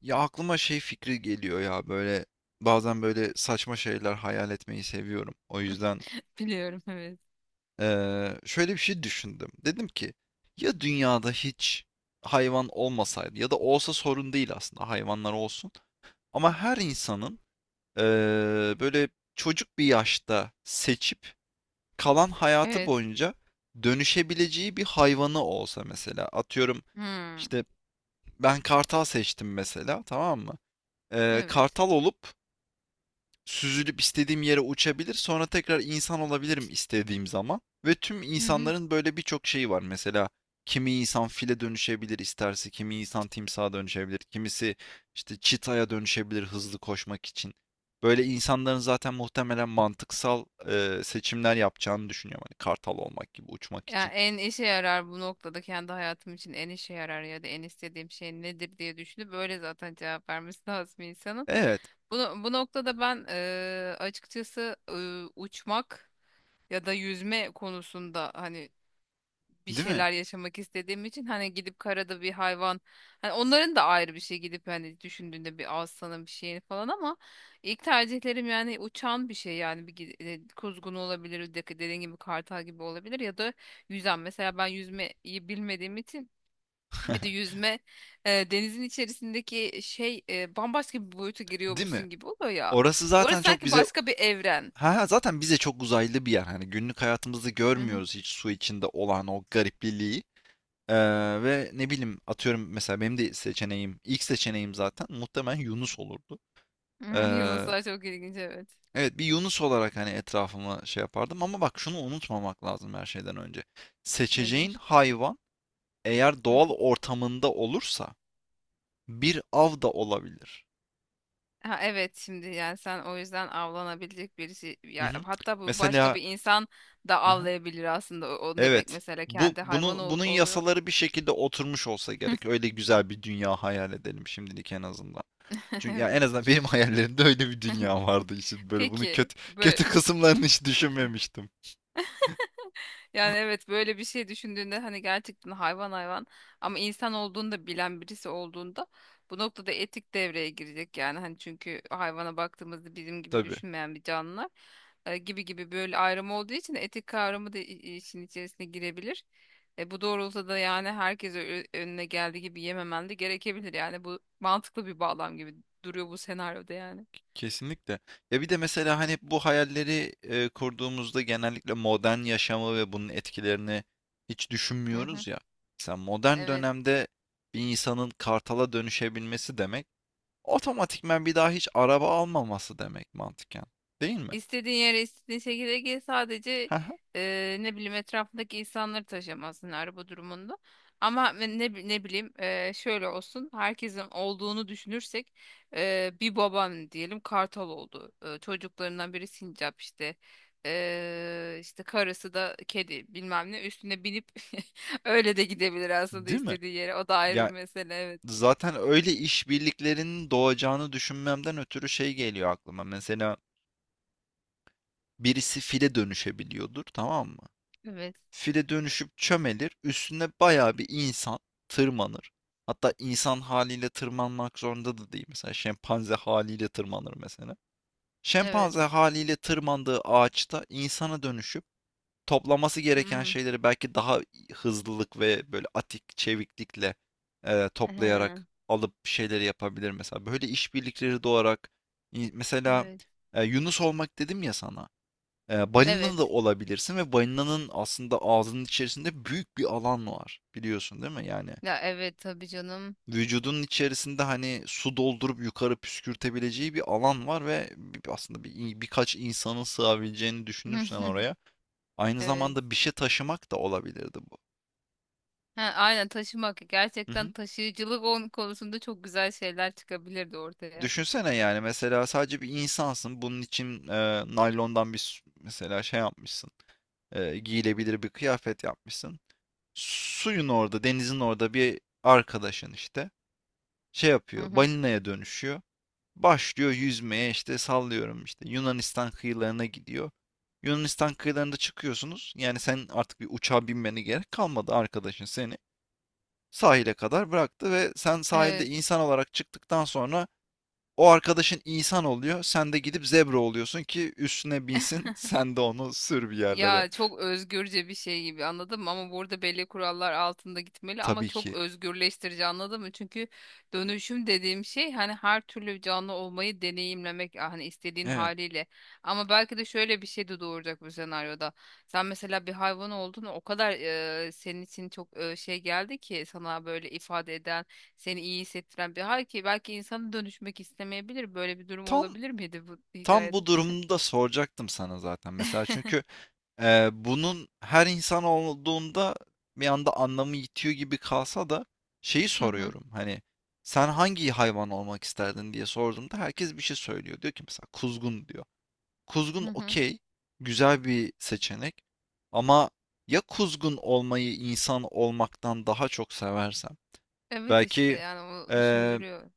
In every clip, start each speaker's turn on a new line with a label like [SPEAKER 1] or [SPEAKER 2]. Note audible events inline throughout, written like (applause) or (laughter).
[SPEAKER 1] Ya aklıma şey fikri geliyor ya böyle bazen böyle saçma şeyler hayal etmeyi seviyorum. O yüzden
[SPEAKER 2] (laughs) Biliyorum, evet.
[SPEAKER 1] şöyle bir şey düşündüm. Dedim ki ya dünyada hiç hayvan olmasaydı ya da olsa sorun değil, aslında hayvanlar olsun. Ama her insanın eee, böyle çocuk bir yaşta seçip kalan hayatı
[SPEAKER 2] Evet.
[SPEAKER 1] boyunca dönüşebileceği bir hayvanı olsa mesela. Atıyorum
[SPEAKER 2] Hmm,
[SPEAKER 1] işte ben kartal seçtim mesela, tamam mı?
[SPEAKER 2] evet.
[SPEAKER 1] Kartal olup süzülüp istediğim yere uçabilir. Sonra tekrar insan olabilirim istediğim zaman. Ve tüm
[SPEAKER 2] Hı hı.
[SPEAKER 1] insanların böyle birçok şeyi var. Mesela kimi insan file dönüşebilir isterse, kimi insan timsaha dönüşebilir, kimisi işte çitaya dönüşebilir hızlı koşmak için. Böyle insanların zaten muhtemelen mantıksal seçimler yapacağını düşünüyorum. Hani kartal olmak gibi uçmak
[SPEAKER 2] Ya
[SPEAKER 1] için.
[SPEAKER 2] en işe yarar bu noktada kendi hayatım için en işe yarar ya da en istediğim şey nedir diye düşünüp böyle zaten cevap vermesi (laughs) lazım insanın.
[SPEAKER 1] Evet,
[SPEAKER 2] Bu, bu noktada ben açıkçası uçmak ya da yüzme konusunda hani bir
[SPEAKER 1] değil mi?
[SPEAKER 2] şeyler yaşamak istediğim için hani gidip karada bir hayvan, hani onların da ayrı bir şey, gidip hani düşündüğünde bir aslanın bir şeyini falan, ama ilk tercihlerim yani uçan bir şey, yani kuzgun olabilir, dediğin gibi kartal gibi olabilir ya da yüzen. Mesela ben yüzmeyi bilmediğim için, bir de yüzme, denizin içerisindeki şey, bambaşka bir boyuta
[SPEAKER 1] Değil mi?
[SPEAKER 2] giriyormuşsun gibi oluyor ya.
[SPEAKER 1] Orası zaten
[SPEAKER 2] Orası
[SPEAKER 1] çok
[SPEAKER 2] sanki
[SPEAKER 1] bize.
[SPEAKER 2] başka bir evren.
[SPEAKER 1] Ha, ha, zaten bize çok uzaylı bir yer. Hani günlük hayatımızda
[SPEAKER 2] Hı hı.
[SPEAKER 1] görmüyoruz hiç su içinde olan o garipliliği. Ee, Ve ne bileyim, atıyorum mesela benim de seçeneğim, ilk seçeneğim zaten muhtemelen Yunus olurdu.
[SPEAKER 2] (laughs) Hı,
[SPEAKER 1] Ee,
[SPEAKER 2] Yunuslar çok ilginç, evet.
[SPEAKER 1] evet, bir Yunus olarak hani etrafıma şey yapardım, ama bak şunu unutmamak lazım her şeyden önce. Seçeceğin
[SPEAKER 2] Nedir?
[SPEAKER 1] hayvan eğer doğal ortamında olursa bir av da olabilir.
[SPEAKER 2] Ha, evet, şimdi yani sen o yüzden avlanabilecek birisi
[SPEAKER 1] Hı
[SPEAKER 2] ya,
[SPEAKER 1] hı.
[SPEAKER 2] hatta bu başka
[SPEAKER 1] Mesela.
[SPEAKER 2] bir insan da avlayabilir aslında, onu demek,
[SPEAKER 1] Evet.
[SPEAKER 2] mesela
[SPEAKER 1] Bu
[SPEAKER 2] kendi hayvan
[SPEAKER 1] bunun bunun
[SPEAKER 2] oluyor.
[SPEAKER 1] yasaları bir şekilde oturmuş olsa gerek. Öyle güzel bir dünya hayal edelim şimdilik en azından.
[SPEAKER 2] (laughs)
[SPEAKER 1] Çünkü ya
[SPEAKER 2] Evet.
[SPEAKER 1] en azından benim (laughs) hayallerimde öyle bir dünya vardı işte, böyle bunu
[SPEAKER 2] Peki
[SPEAKER 1] kötü
[SPEAKER 2] böyle
[SPEAKER 1] kötü kısımlarını hiç düşünmemiştim.
[SPEAKER 2] Yani evet, böyle bir şey düşündüğünde hani gerçekten hayvan hayvan, ama insan olduğunu da bilen birisi olduğunda, bu noktada etik devreye girecek. Yani hani çünkü hayvana baktığımızda bizim gibi
[SPEAKER 1] Tabii.
[SPEAKER 2] düşünmeyen bir canlılar gibi gibi, böyle ayrım olduğu için etik kavramı da işin içerisine girebilir. Bu doğrultuda da yani herkese önüne geldiği gibi yememen de gerekebilir. Yani bu mantıklı bir bağlam gibi duruyor bu senaryoda yani.
[SPEAKER 1] Kesinlikle. Ya bir de mesela hani bu hayalleri kurduğumuzda genellikle modern yaşamı ve bunun etkilerini hiç
[SPEAKER 2] Hı hı.
[SPEAKER 1] düşünmüyoruz ya. Sen
[SPEAKER 2] Ha,
[SPEAKER 1] modern
[SPEAKER 2] evet.
[SPEAKER 1] dönemde bir insanın kartala dönüşebilmesi demek otomatikman bir daha hiç araba almaması demek mantıken. Değil mi?
[SPEAKER 2] İstediğin yere istediğin şekilde gel
[SPEAKER 1] (laughs)
[SPEAKER 2] sadece,
[SPEAKER 1] Hı.
[SPEAKER 2] ne bileyim, etrafındaki insanları taşımasın araba durumunda. Ama ne bileyim, şöyle olsun, herkesin olduğunu düşünürsek bir baban diyelim kartal oldu. Çocuklarından biri sincap işte. İşte karısı da kedi bilmem ne üstüne binip (laughs) öyle de gidebilir aslında
[SPEAKER 1] Değil mi?
[SPEAKER 2] istediği yere. O da ayrı
[SPEAKER 1] Ya
[SPEAKER 2] bir mesele, evet.
[SPEAKER 1] zaten öyle işbirliklerinin doğacağını düşünmemden ötürü şey geliyor aklıma. Mesela birisi file dönüşebiliyordur, tamam mı?
[SPEAKER 2] Evet.
[SPEAKER 1] File dönüşüp çömelir, üstüne bayağı bir insan tırmanır. Hatta insan haliyle tırmanmak zorunda da değil. Mesela şempanze haliyle tırmanır mesela.
[SPEAKER 2] Evet.
[SPEAKER 1] Şempanze haliyle tırmandığı ağaçta insana dönüşüp toplaması gereken
[SPEAKER 2] Hmm.
[SPEAKER 1] şeyleri belki daha hızlılık ve böyle atik, çeviklikle toplayarak
[SPEAKER 2] Ehe.
[SPEAKER 1] alıp bir şeyleri yapabilir mesela. Böyle işbirlikleri doğarak mesela,
[SPEAKER 2] Evet.
[SPEAKER 1] Yunus olmak dedim ya sana. E, balina
[SPEAKER 2] Evet.
[SPEAKER 1] da olabilirsin ve balinanın aslında ağzının içerisinde büyük bir alan var. Biliyorsun değil mi? Yani
[SPEAKER 2] Ya evet, tabii canım.
[SPEAKER 1] vücudunun içerisinde hani su doldurup yukarı püskürtebileceği bir alan var ve aslında birkaç insanın sığabileceğini düşünürsen oraya.
[SPEAKER 2] (laughs)
[SPEAKER 1] Aynı
[SPEAKER 2] Evet.
[SPEAKER 1] zamanda bir şey taşımak da olabilirdi bu.
[SPEAKER 2] Ha, aynen, taşımak.
[SPEAKER 1] Hı
[SPEAKER 2] Gerçekten
[SPEAKER 1] hı.
[SPEAKER 2] taşıyıcılık onun konusunda çok güzel şeyler çıkabilirdi ortaya.
[SPEAKER 1] Düşünsene, yani mesela sadece bir insansın. Bunun için naylondan mesela şey yapmışsın. E, giyilebilir bir kıyafet yapmışsın. Suyun orada, denizin orada bir arkadaşın işte şey
[SPEAKER 2] Hı
[SPEAKER 1] yapıyor.
[SPEAKER 2] hı.
[SPEAKER 1] Balinaya dönüşüyor. Başlıyor yüzmeye, işte sallıyorum işte Yunanistan kıyılarına gidiyor. Yunanistan kıyılarında çıkıyorsunuz. Yani sen artık bir uçağa binmene gerek kalmadı, arkadaşın seni sahile kadar bıraktı ve sen sahilde
[SPEAKER 2] Evet.
[SPEAKER 1] insan olarak çıktıktan sonra o arkadaşın insan oluyor. Sen de gidip zebra oluyorsun ki üstüne binsin. (laughs) Sen de onu sür bir yerlere.
[SPEAKER 2] Ya çok özgürce bir şey gibi, anladın mı? Ama burada belli kurallar altında gitmeli, ama
[SPEAKER 1] Tabii
[SPEAKER 2] çok
[SPEAKER 1] ki.
[SPEAKER 2] özgürleştirici, anladın mı? Çünkü dönüşüm dediğim şey hani her türlü canlı olmayı deneyimlemek, ah, hani istediğin
[SPEAKER 1] Evet.
[SPEAKER 2] haliyle. Ama belki de şöyle bir şey de doğuracak bu senaryoda. Sen mesela bir hayvan oldun, o kadar senin için çok şey geldi ki, sana böyle ifade eden, seni iyi hissettiren bir hal ki, belki insana dönüşmek istemeyebilir. Böyle bir durum
[SPEAKER 1] Tam
[SPEAKER 2] olabilir miydi bu
[SPEAKER 1] tam bu
[SPEAKER 2] hikayede?
[SPEAKER 1] durumda da soracaktım sana zaten. Mesela
[SPEAKER 2] (laughs)
[SPEAKER 1] çünkü bunun her insan olduğunda bir anda anlamı yitiyor gibi kalsa da şeyi
[SPEAKER 2] Hı hı.
[SPEAKER 1] soruyorum. Hani sen hangi hayvan olmak isterdin diye sorduğumda herkes bir şey söylüyor. Diyor ki mesela kuzgun diyor.
[SPEAKER 2] Hı
[SPEAKER 1] Kuzgun
[SPEAKER 2] hı.
[SPEAKER 1] okey, güzel bir seçenek. Ama ya kuzgun olmayı insan olmaktan daha çok seversem?
[SPEAKER 2] Evet, işte
[SPEAKER 1] Belki
[SPEAKER 2] yani o
[SPEAKER 1] eee,
[SPEAKER 2] düşündürüyor.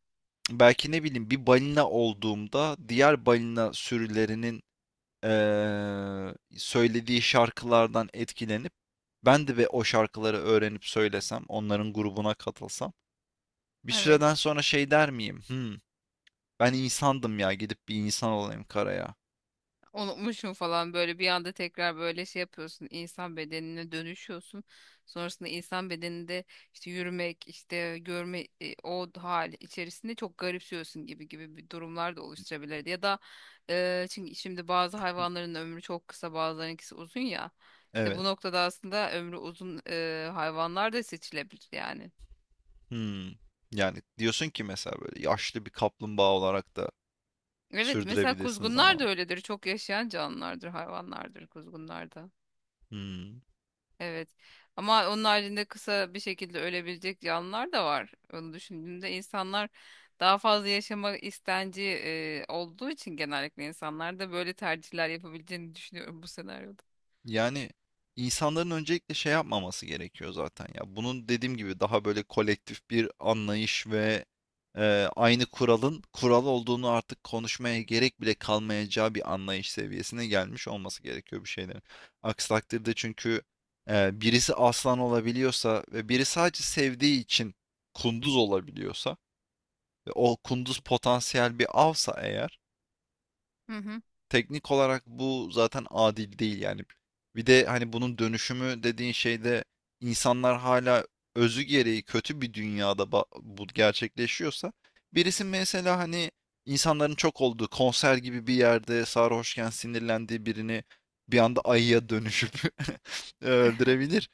[SPEAKER 1] belki ne bileyim bir balina olduğumda diğer balina sürülerinin söylediği şarkılardan etkilenip ben de ve o şarkıları öğrenip söylesem, onların grubuna katılsam bir
[SPEAKER 2] Evet.
[SPEAKER 1] süreden sonra şey der miyim? Hmm, ben insandım ya, gidip bir insan olayım karaya.
[SPEAKER 2] Unutmuşum falan böyle, bir anda tekrar böyle şey yapıyorsun, insan bedenine dönüşüyorsun. Sonrasında insan bedeninde işte yürümek, işte görme, o hal içerisinde çok garipsiyorsun gibi gibi bir durumlar da oluşturabilirdi. Ya da çünkü şimdi bazı hayvanların ömrü çok kısa, bazılarınınkisi uzun ya. İşte bu
[SPEAKER 1] Evet.
[SPEAKER 2] noktada aslında ömrü uzun hayvanlar da seçilebilir yani.
[SPEAKER 1] Hmm. Yani diyorsun ki mesela böyle yaşlı bir kaplumbağa olarak da
[SPEAKER 2] Evet, mesela
[SPEAKER 1] sürdürebilirsin
[SPEAKER 2] kuzgunlar da
[SPEAKER 1] zamanı.
[SPEAKER 2] öyledir. Çok yaşayan canlılardır, hayvanlardır kuzgunlar da.
[SPEAKER 1] Hmm.
[SPEAKER 2] Evet. Ama onun haricinde kısa bir şekilde ölebilecek canlılar da var. Onu düşündüğümde insanlar daha fazla yaşama istenci olduğu için, genellikle insanlar da böyle tercihler yapabileceğini düşünüyorum bu senaryoda.
[SPEAKER 1] Yani insanların öncelikle şey yapmaması gerekiyor zaten ya. Bunun dediğim gibi daha böyle kolektif bir anlayış ve e, aynı kuralın kural olduğunu artık konuşmaya gerek bile kalmayacağı bir anlayış seviyesine gelmiş olması gerekiyor bir şeylerin. Aksi takdirde çünkü birisi aslan olabiliyorsa ve biri sadece sevdiği için kunduz olabiliyorsa ve o kunduz potansiyel bir avsa eğer,
[SPEAKER 2] Hı hı.
[SPEAKER 1] teknik olarak bu zaten adil değil yani. Bir de hani bunun dönüşümü dediğin şeyde insanlar hala özü gereği kötü bir dünyada bu gerçekleşiyorsa birisi mesela hani insanların çok olduğu konser gibi bir yerde sarhoşken sinirlendiği birini bir anda ayıya dönüşüp (laughs) öldürebilir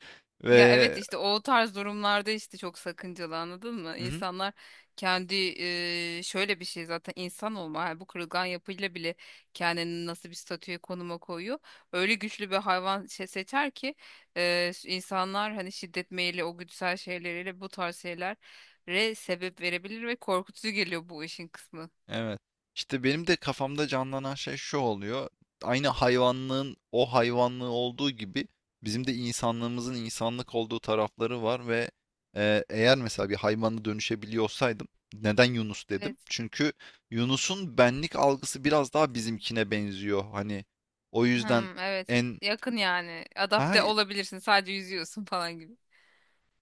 [SPEAKER 2] Ya
[SPEAKER 1] ve.
[SPEAKER 2] evet, işte o tarz durumlarda işte çok sakıncalı, anladın mı?
[SPEAKER 1] Hı hı.
[SPEAKER 2] İnsanlar kendi şöyle bir şey, zaten insan olma yani, bu kırılgan yapıyla bile kendini nasıl bir statüye, konuma koyuyor. Öyle güçlü bir hayvan şey seçer ki insanlar hani şiddet meyili, o güdüsel şeyleriyle bu tarz şeylere sebep verebilir ve korkutucu geliyor bu işin kısmı.
[SPEAKER 1] Evet. İşte benim de kafamda canlanan şey şu oluyor. Aynı hayvanlığın o hayvanlığı olduğu gibi bizim de insanlığımızın insanlık olduğu tarafları var ve eğer mesela bir hayvana dönüşebiliyor olsaydım neden Yunus dedim?
[SPEAKER 2] Evet.
[SPEAKER 1] Çünkü Yunus'un benlik algısı biraz daha bizimkine benziyor. Hani o yüzden
[SPEAKER 2] Hmm, evet,
[SPEAKER 1] en
[SPEAKER 2] yakın yani,
[SPEAKER 1] ha.
[SPEAKER 2] adapte olabilirsin, sadece yüzüyorsun falan gibi.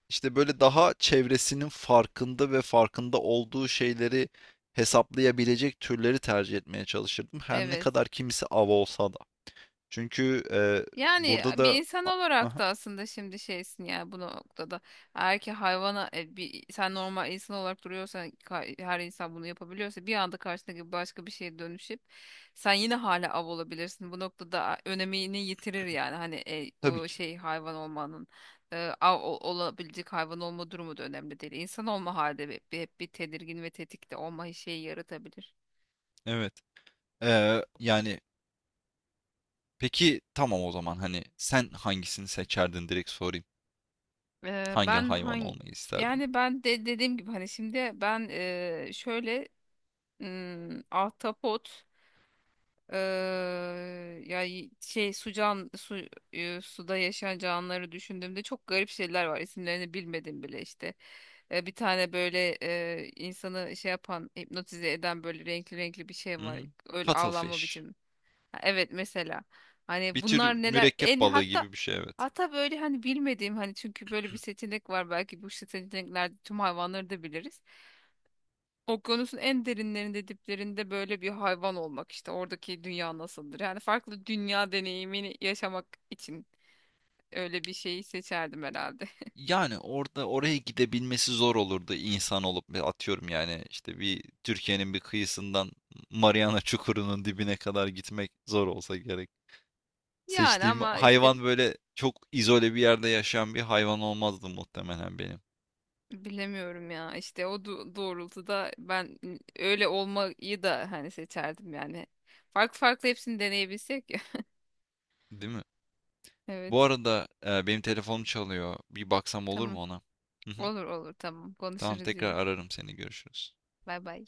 [SPEAKER 1] İşte böyle daha çevresinin farkında ve farkında olduğu şeyleri hesaplayabilecek türleri tercih etmeye çalışırdım. Her ne
[SPEAKER 2] Evet.
[SPEAKER 1] kadar kimisi av olsa da. Çünkü
[SPEAKER 2] Yani
[SPEAKER 1] burada
[SPEAKER 2] bir
[SPEAKER 1] da
[SPEAKER 2] insan olarak
[SPEAKER 1] aha,
[SPEAKER 2] da aslında şimdi şeysin ya bu noktada. Eğer ki hayvana bir, sen normal insan olarak duruyorsan, her insan bunu yapabiliyorsa, bir anda karşındaki başka bir şeye dönüşüp sen yine hala av olabilirsin. Bu noktada önemini yitirir yani, hani
[SPEAKER 1] tabii
[SPEAKER 2] o
[SPEAKER 1] ki.
[SPEAKER 2] şey, hayvan olmanın av olabilecek hayvan olma durumu da önemli değil. İnsan olma halde hep bir tedirgin ve tetikte olma şeyi yaratabilir.
[SPEAKER 1] Evet. Yani peki tamam, o zaman hani sen hangisini seçerdin direkt sorayım.
[SPEAKER 2] E,
[SPEAKER 1] Hangi
[SPEAKER 2] ben
[SPEAKER 1] hayvan
[SPEAKER 2] hangi
[SPEAKER 1] olmayı isterdin?
[SPEAKER 2] Yani ben de dediğim gibi hani şimdi ben şöyle, ahtapot, yani şey, su can su e, suda yaşayan canlıları düşündüğümde çok garip şeyler var, isimlerini bilmedim bile işte. Bir tane böyle, insanı şey yapan, hipnotize eden, böyle renkli renkli bir
[SPEAKER 1] Hı
[SPEAKER 2] şey var,
[SPEAKER 1] hı.
[SPEAKER 2] öyle avlanma
[SPEAKER 1] Cuttlefish.
[SPEAKER 2] biçimi. Ha, evet mesela,
[SPEAKER 1] Bir
[SPEAKER 2] hani bunlar
[SPEAKER 1] tür
[SPEAKER 2] neler
[SPEAKER 1] mürekkep
[SPEAKER 2] en
[SPEAKER 1] balığı
[SPEAKER 2] hatta
[SPEAKER 1] gibi bir şey evet.
[SPEAKER 2] hatta böyle hani bilmediğim, hani çünkü böyle bir seçenek var, belki bu seçeneklerde tüm hayvanları da biliriz. Okyanusun en derinlerinde, diplerinde böyle bir hayvan olmak, işte oradaki dünya nasıldır? Yani farklı dünya deneyimini yaşamak için öyle bir şeyi seçerdim herhalde. (laughs)
[SPEAKER 1] Yani orada oraya gidebilmesi zor olurdu insan olup ve atıyorum yani işte bir Türkiye'nin bir kıyısından Mariana Çukuru'nun dibine kadar gitmek zor olsa gerek.
[SPEAKER 2] Yani
[SPEAKER 1] Seçtiğim
[SPEAKER 2] ama işte
[SPEAKER 1] hayvan böyle çok izole bir yerde yaşayan bir hayvan olmazdı muhtemelen benim.
[SPEAKER 2] bilemiyorum ya, işte o doğrultuda ben öyle olmayı da hani seçerdim yani. Farklı farklı hepsini deneyebilsek ya.
[SPEAKER 1] Değil mi?
[SPEAKER 2] (laughs)
[SPEAKER 1] Bu
[SPEAKER 2] Evet,
[SPEAKER 1] arada benim telefonum çalıyor. Bir baksam olur
[SPEAKER 2] tamam,
[SPEAKER 1] mu ona? Hı hı.
[SPEAKER 2] olur olur, tamam,
[SPEAKER 1] Tamam,
[SPEAKER 2] konuşuruz
[SPEAKER 1] tekrar
[SPEAKER 2] yine.
[SPEAKER 1] ararım seni. Görüşürüz.
[SPEAKER 2] Bay bay.